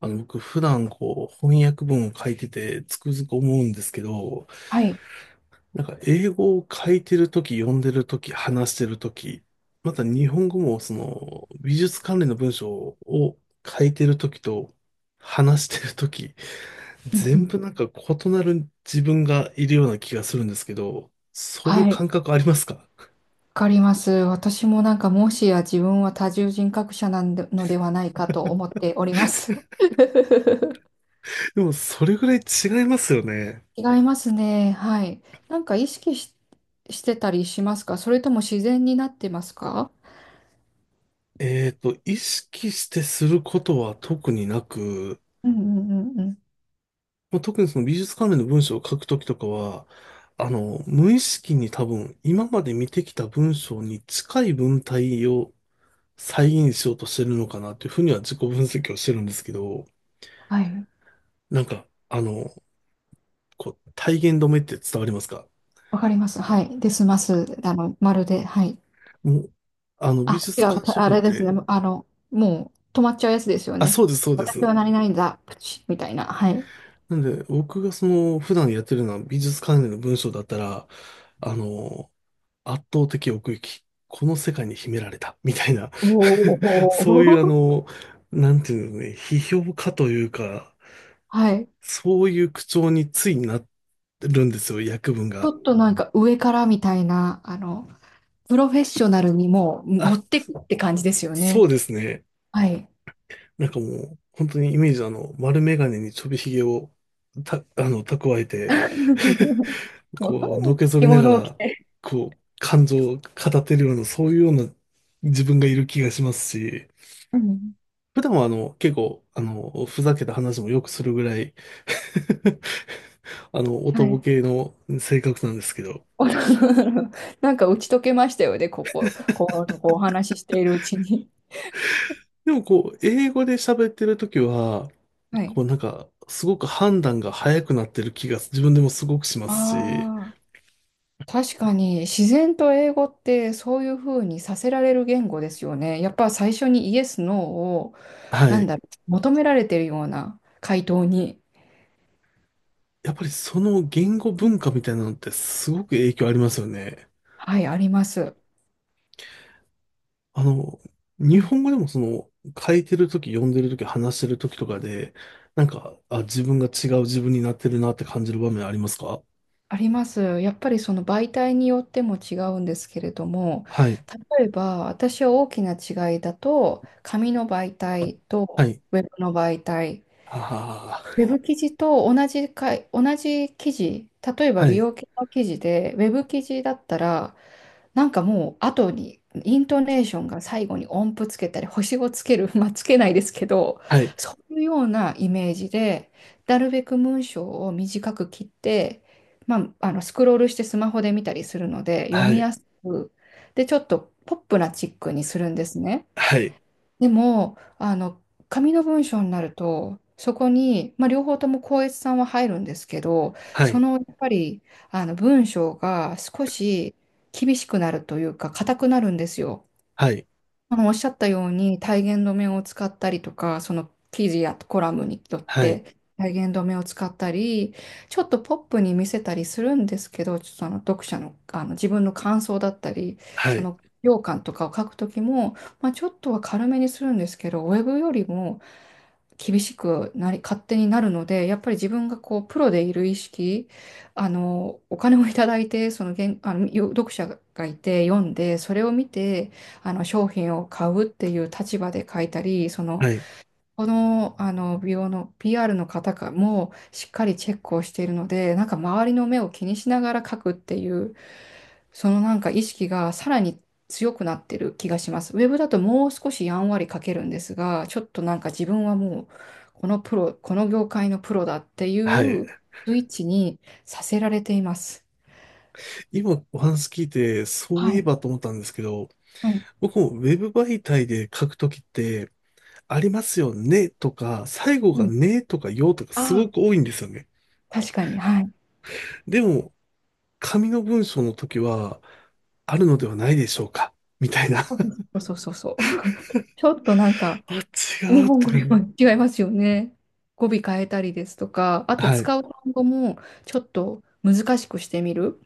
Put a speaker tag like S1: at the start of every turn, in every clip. S1: 僕普段こう翻訳文を書いててつくづく思うんですけど、
S2: はい。
S1: なんか英語を書いてるとき、読んでるとき、話してるとき、また日本語もその美術関連の文章を書いてるときと話してるとき、
S2: うんう
S1: 全
S2: ん、
S1: 部なんか異なる自分がいるような気がするんですけど、そういう
S2: はい。
S1: 感
S2: わ
S1: 覚ありますか？
S2: かります。私もなんかもしや自分は多重人格者なんで、のではないかと思っております。
S1: でもそれぐらい違いますよね。
S2: 違いますね。はい。なんか意識し、してたりしますか？それとも自然になってますか？
S1: 意識してすることは特になく、
S2: うんうんうんうん。
S1: もう特にその美術関連の文章を書くときとかは、無意識に多分今まで見てきた文章に近い文体を再現しようとしてるのかなっていうふうには自己分析をしてるんですけど、
S2: はい。
S1: なんか、あの、体言止めって伝わりますか？
S2: わかります。はい。で済ます。まるで。はい。
S1: もう、あの、美
S2: あ、違
S1: 術
S2: う。
S1: 鑑
S2: た
S1: 賞
S2: あ
S1: 文っ
S2: れです
S1: て、
S2: ね。あの、もう止まっちゃうやつですよ
S1: あ、
S2: ね。
S1: そうです、そうで
S2: 私
S1: す。
S2: はなれないんだ。プチッみたいな。はい。
S1: なんで、僕がその、普段やってるのは美術関連の文章だったら、あの、圧倒的奥行き。この世界に秘められた。みたいな
S2: お
S1: そういうあ
S2: お。
S1: の、なんていうのね、批評家というか、
S2: はい。
S1: そういう口調についなってるんですよ、訳文
S2: ち
S1: が。
S2: ょっとなんか上からみたいな、あの、プロフェッショナルにもう持
S1: あ、
S2: ってくって感じですよ
S1: そ
S2: ね。
S1: うですね。
S2: はい。
S1: なんかもう、本当にイメージ丸眼鏡にちょびひげをた、あの、蓄えて、こう、のけぞ
S2: 着
S1: りなが
S2: 物を着
S1: ら、
S2: て。
S1: こう、感情を語ってるような、そういうような自分がいる気がしますし、
S2: うん。
S1: 普段はあの、結構、あの、ふざけた話もよくするぐらい あの、おと
S2: は
S1: ぼ
S2: い。
S1: けの性格なんですけど。
S2: なんか打ち解けましたよね、ここのとこお話ししているうちに。
S1: でもこう、英語で喋ってるときは、
S2: は
S1: こ
S2: い。
S1: うなんか、すごく判断が早くなってる気が自分でもすごくしますし、
S2: ああ、確かに自然と英語ってそういうふうにさせられる言語ですよね。やっぱ最初にイエス、ノーを、
S1: は
S2: なん
S1: い。
S2: だろ求められてるような回答に、
S1: やっぱりその言語
S2: うん、
S1: 文化みたいなのってすごく影響ありますよね。
S2: はい、あります。
S1: あの、
S2: う
S1: 日
S2: ん、
S1: 本語でもその、書いてるとき、読んでるとき、話してるときとかで、あ、自分が違う自分になってるなって感じる場面ありますか？
S2: あります。やっぱりその媒体によっても違うんですけれども、
S1: はい。
S2: 例えば私は大きな違いだと、紙の媒体
S1: は
S2: と
S1: い。
S2: ウェブの媒体、
S1: あ
S2: ウェブ記事と同じかい、同じ記事、例え
S1: あ、
S2: ば
S1: は
S2: 美
S1: い。
S2: 容系の記事で、ウェブ記事だったら、なんかもう後に、イントネーションが最後に音符つけたり、星をつける、まあつけないですけど、
S1: はい。
S2: そういうようなイメージで、なるべく文章を短く切って、まあ、あのスクロールしてスマホで見たりするので、読
S1: は
S2: み
S1: い。
S2: やすく、で、ちょっとポップなチックにするんですね。
S1: はい。
S2: でも、あの、紙の文章になると、そこに、まあ、両方とも校閲さんは入るんですけど、
S1: は
S2: そ
S1: い。
S2: のやっぱりあの文章が少し厳しくなるというか、硬くなるんですよ。
S1: はい。
S2: あのおっしゃったように体言止めを使ったりとか、その記事やコラムによっ
S1: はい。
S2: て体言止めを使ったり、ちょっとポップに見せたりするんですけど、ちょっとあの読者の、あの自分の感想だったり、
S1: は
S2: そ
S1: い。
S2: の評価とかを書くときも、まあ、ちょっとは軽めにするんですけど、ウェブよりも厳しくなり、勝手になるので、やっぱり自分がこうプロでいる意識、あのお金をいただいて、その原、あの読者がいて読んで、それを見て、あの商品を買うっていう立場で書いたり、
S1: はい。
S2: あの美容の PR の方かもしっかりチェックをしているので、なんか周りの目を気にしながら書くっていう、そのなんか意識がさらに強くなってる気がします。ウェブだともう少しやんわり書けるんですが、ちょっとなんか自分はもうこのプロ、この業界のプロだってい
S1: はい。
S2: うスイッチにさせられています。
S1: 今お話聞いて、そうい
S2: は
S1: え
S2: い。
S1: ばと思ったんですけど、
S2: はい。
S1: 僕もウェブ媒体で書くときって、ありますよねとか、最後
S2: う
S1: が
S2: ん。
S1: ねとかよとか
S2: あ
S1: すご
S2: あ、
S1: く多いんですよね。
S2: 確かに。はい。
S1: でも、紙の文章の時は、あるのではないでしょうかみたいな。
S2: そうそうそうそうそう。ちょっとなんか、
S1: あ、
S2: 日
S1: 違うっ
S2: 本
S1: て。
S2: 語でも違いますよね。語尾変えたりですとか、あと
S1: はい。
S2: 使う単語もちょっと難しくしてみる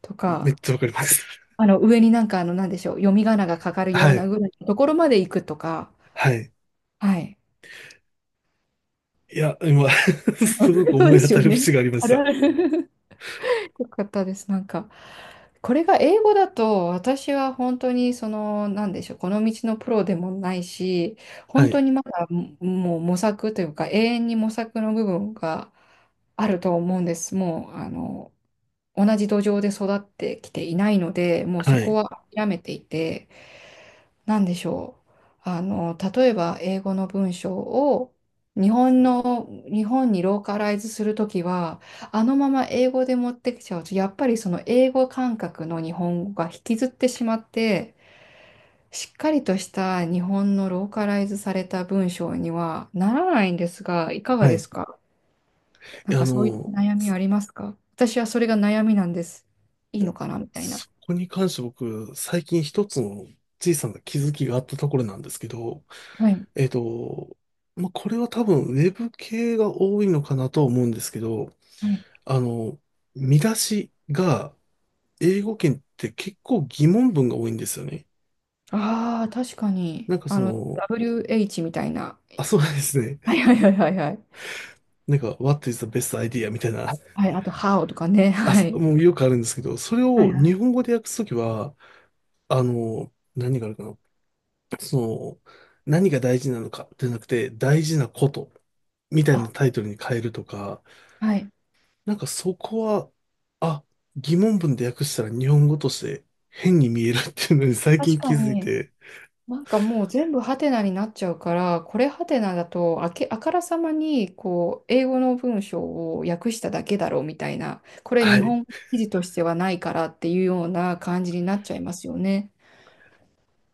S2: と
S1: めっ
S2: か、
S1: ちゃわかります。
S2: あの上になんかあの、なんでしょう、読み仮名がかかるよう
S1: は
S2: な
S1: い。
S2: ぐらいのところまで行くとか、
S1: はい。
S2: はい。
S1: いや、今 すごく
S2: そう
S1: 思
S2: で
S1: い当
S2: すよ
S1: たる
S2: ね。
S1: 節がありま
S2: あ
S1: し
S2: るあ
S1: た。
S2: る、よかったです。なんか、これが英語だと、私は本当に、その、なんでしょう、この道のプロでもないし、
S1: は
S2: 本当
S1: い。
S2: にまだももう模索というか、永遠に模索の部分があると思うんです。もう、あの、同じ土壌で育ってきていないので、もう
S1: は
S2: そこ
S1: い。
S2: は諦めていて、なんでしょう。あの、例えば英語の文章を日本にローカライズするときは、あのまま英語で持ってきちゃうと、やっぱりその英語感覚の日本語が引きずってしまって、しっかりとした日本のローカライズされた文章にはならないんですが、いかが
S1: は
S2: で
S1: い。
S2: す
S1: い
S2: か？なん
S1: や
S2: かそういった悩みありますか？私はそれが悩みなんです。いいのかなみたいな。
S1: そこに関して僕、最近一つの小さな気づきがあったところなんですけど、
S2: はい。
S1: えっと、まあ、これは多分、ウェブ系が多いのかなとは思うんですけど、
S2: はい。
S1: あの、見出しが、英語圏って結構疑問文が多いんですよね。
S2: ああ、確かに。
S1: なんか
S2: あ
S1: そ
S2: の、
S1: の、
S2: WH みたいな。
S1: あ、そうですね。
S2: はいはいはいはいはい。
S1: なんか、What is the best idea? みたいな。
S2: はい、あと、How とかね。
S1: あ、
S2: は
S1: そ、
S2: い。
S1: もうよくあるんですけど、それ
S2: はい
S1: を
S2: は
S1: 日
S2: い。
S1: 本語で訳すときは、何があるかな。その、何が大事なのかじゃなくて、大事なことみたいな
S2: あ、
S1: タイトルに変えるとか、
S2: はい。
S1: なんかそこは、あ、疑問文で訳したら日本語として変に見えるっていうのに最
S2: 確
S1: 近気
S2: か
S1: づい
S2: に、
S1: て、
S2: なんかもう全部ハテナになっちゃうから、これハテナだと、あからさまに、こう、英語の文章を訳しただけだろうみたいな、これ
S1: は
S2: 日
S1: い。
S2: 本記事としてはないからっていうような感じになっちゃいますよね。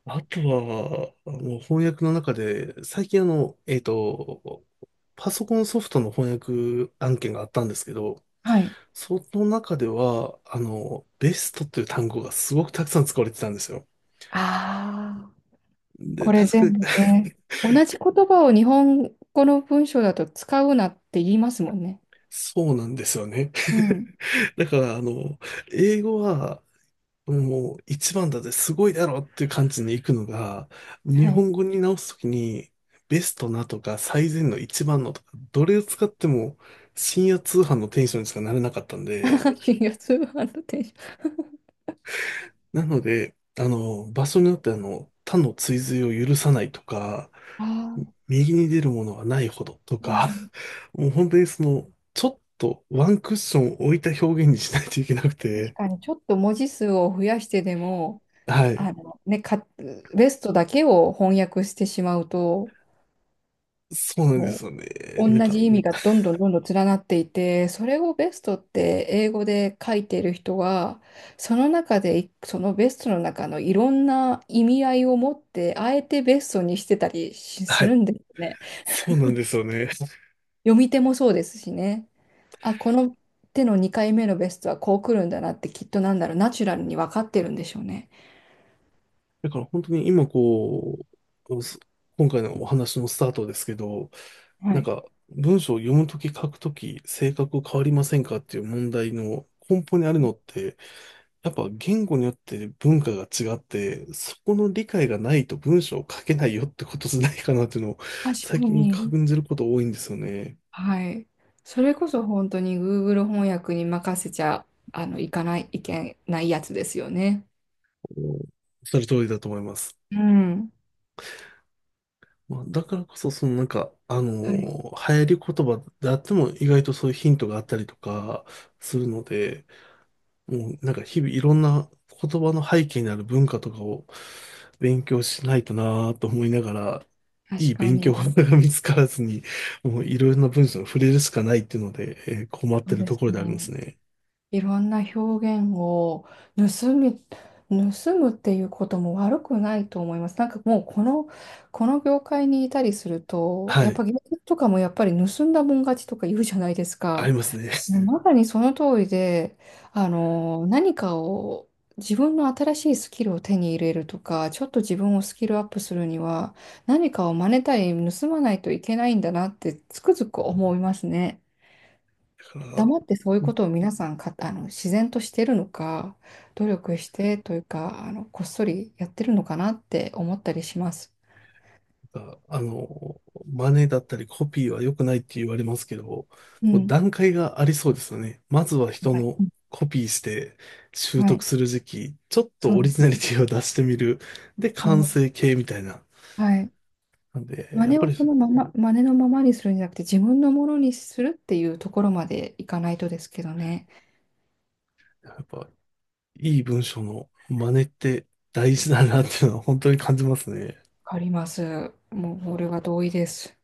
S1: あとは、もう翻訳の中で、最近パソコンソフトの翻訳案件があったんですけど、
S2: はい。
S1: その中では、ベストという単語がすごくたくさん使われてたんですよ。
S2: ああ、
S1: で、
S2: これ
S1: 確
S2: 全
S1: か
S2: 部
S1: に、
S2: ね。同じ言葉を日本語の文章だと使うなって言いますもんね。
S1: そうなんですよね。
S2: うん。
S1: だから、英語は、もう一番だぜ、すごいだろっていう感じに行くのが、日
S2: はい。
S1: 本語に直すときに、ベストなとか、最善の一番のとか、どれを使っても、深夜通販のテンションにしかなれなかったんで、
S2: 阪神が通販のテンション。
S1: なので、場所によって他の追随を許さないとか、
S2: ああ、
S1: 右に出るものはないほどと
S2: うん
S1: か、
S2: うん、
S1: もう本当にその、ちょっとワンクッション置いた表現にしないといけなく
S2: 確
S1: て、
S2: かに、ちょっと文字数を増やしてでも、
S1: は
S2: あ
S1: い。
S2: のね、か、ベストだけを翻訳してしまうと、
S1: そうなんで
S2: も
S1: すよね。
S2: う
S1: なん
S2: 同
S1: か、
S2: じ意味がどんどんどんどん連なっていて、それをベストって英語で書いている人は、その中でい、そのベストの中のいろんな意味合いを持って、あえてベストにしてたりしす
S1: はい。
S2: るんですね。
S1: そうなんですよね。
S2: 読み手もそうですしね。あ、この手の2回目のベストはこう来るんだなってきっとなんだろう、ナチュラルに分かってるんでしょうね。
S1: だから本当に今こう、す今回のお話のスタートですけど、
S2: は
S1: なん
S2: い。
S1: か文章を読むとき書くとき性格変わりませんかっていう問題の根本にあるのってやっぱ言語によって文化が違って、そこの理解がないと文章を書けないよってことじゃないかなっていうのを
S2: 確か
S1: 最近
S2: に。
S1: 感じること多いんですよね。
S2: はい。それこそ本当に Google 翻訳に任せちゃ、あの、いかない、いけないやつですよね。
S1: おっしゃる通りだと思います。
S2: うん。
S1: まあ、だからこそ、そのなんか、
S2: はい。
S1: 流行り言葉であっても意外とそういうヒントがあったりとかするので、もうなんか日々いろんな言葉の背景にある文化とかを勉強しないとなぁと思いながら、い
S2: 確
S1: い
S2: か
S1: 勉強法
S2: に。
S1: が見つからずに、もういろいろな文章に触れるしかないっていうので、困っ
S2: そ
S1: て
S2: う
S1: る
S2: で
S1: と
S2: す
S1: ころでありま
S2: ね。
S1: すね。
S2: いろんな表現を盗み、盗むっていうことも悪くないと思います。なんかもうこの、この業界にいたりすると、
S1: は
S2: やっ
S1: い。
S2: ぱ芸人とかもやっぱり盗んだもん勝ちとか言うじゃないです
S1: あり
S2: か。
S1: ますね。だ
S2: まさにその通りで、あの、何かを自分の新しいスキルを手に入れるとか、ちょっと自分をスキルアップするには、何かを真似たり盗まないといけないんだなってつくづく思いますね。
S1: から、
S2: 黙ってそういうことを皆さんか、あの、自然としてるのか、努力してというか、あの、こっそりやってるのかなって思ったりします。
S1: あ真似だったりコピーは良くないって言われますけど、こ
S2: う
S1: う
S2: ん。
S1: 段階がありそうですよね。まずは人
S2: はい。
S1: の
S2: うん、
S1: コピーして習
S2: は
S1: 得
S2: い。
S1: する時期、ちょっと
S2: そう
S1: オリ
S2: で
S1: ジ
S2: す
S1: ナ
S2: ね。
S1: リティを出してみる。で、完
S2: そ
S1: 成形みたいな。
S2: う。はい。
S1: なんで、
S2: 真
S1: やっ
S2: 似
S1: ぱ
S2: を
S1: り、
S2: そのまま、真似のままにするんじゃなくて、自分のものにするっていうところまでいかないとですけどね。
S1: やっぱ、いい文章の真似って大事だなっていうのは本当に感じますね。
S2: わかります。もう、俺は同意です。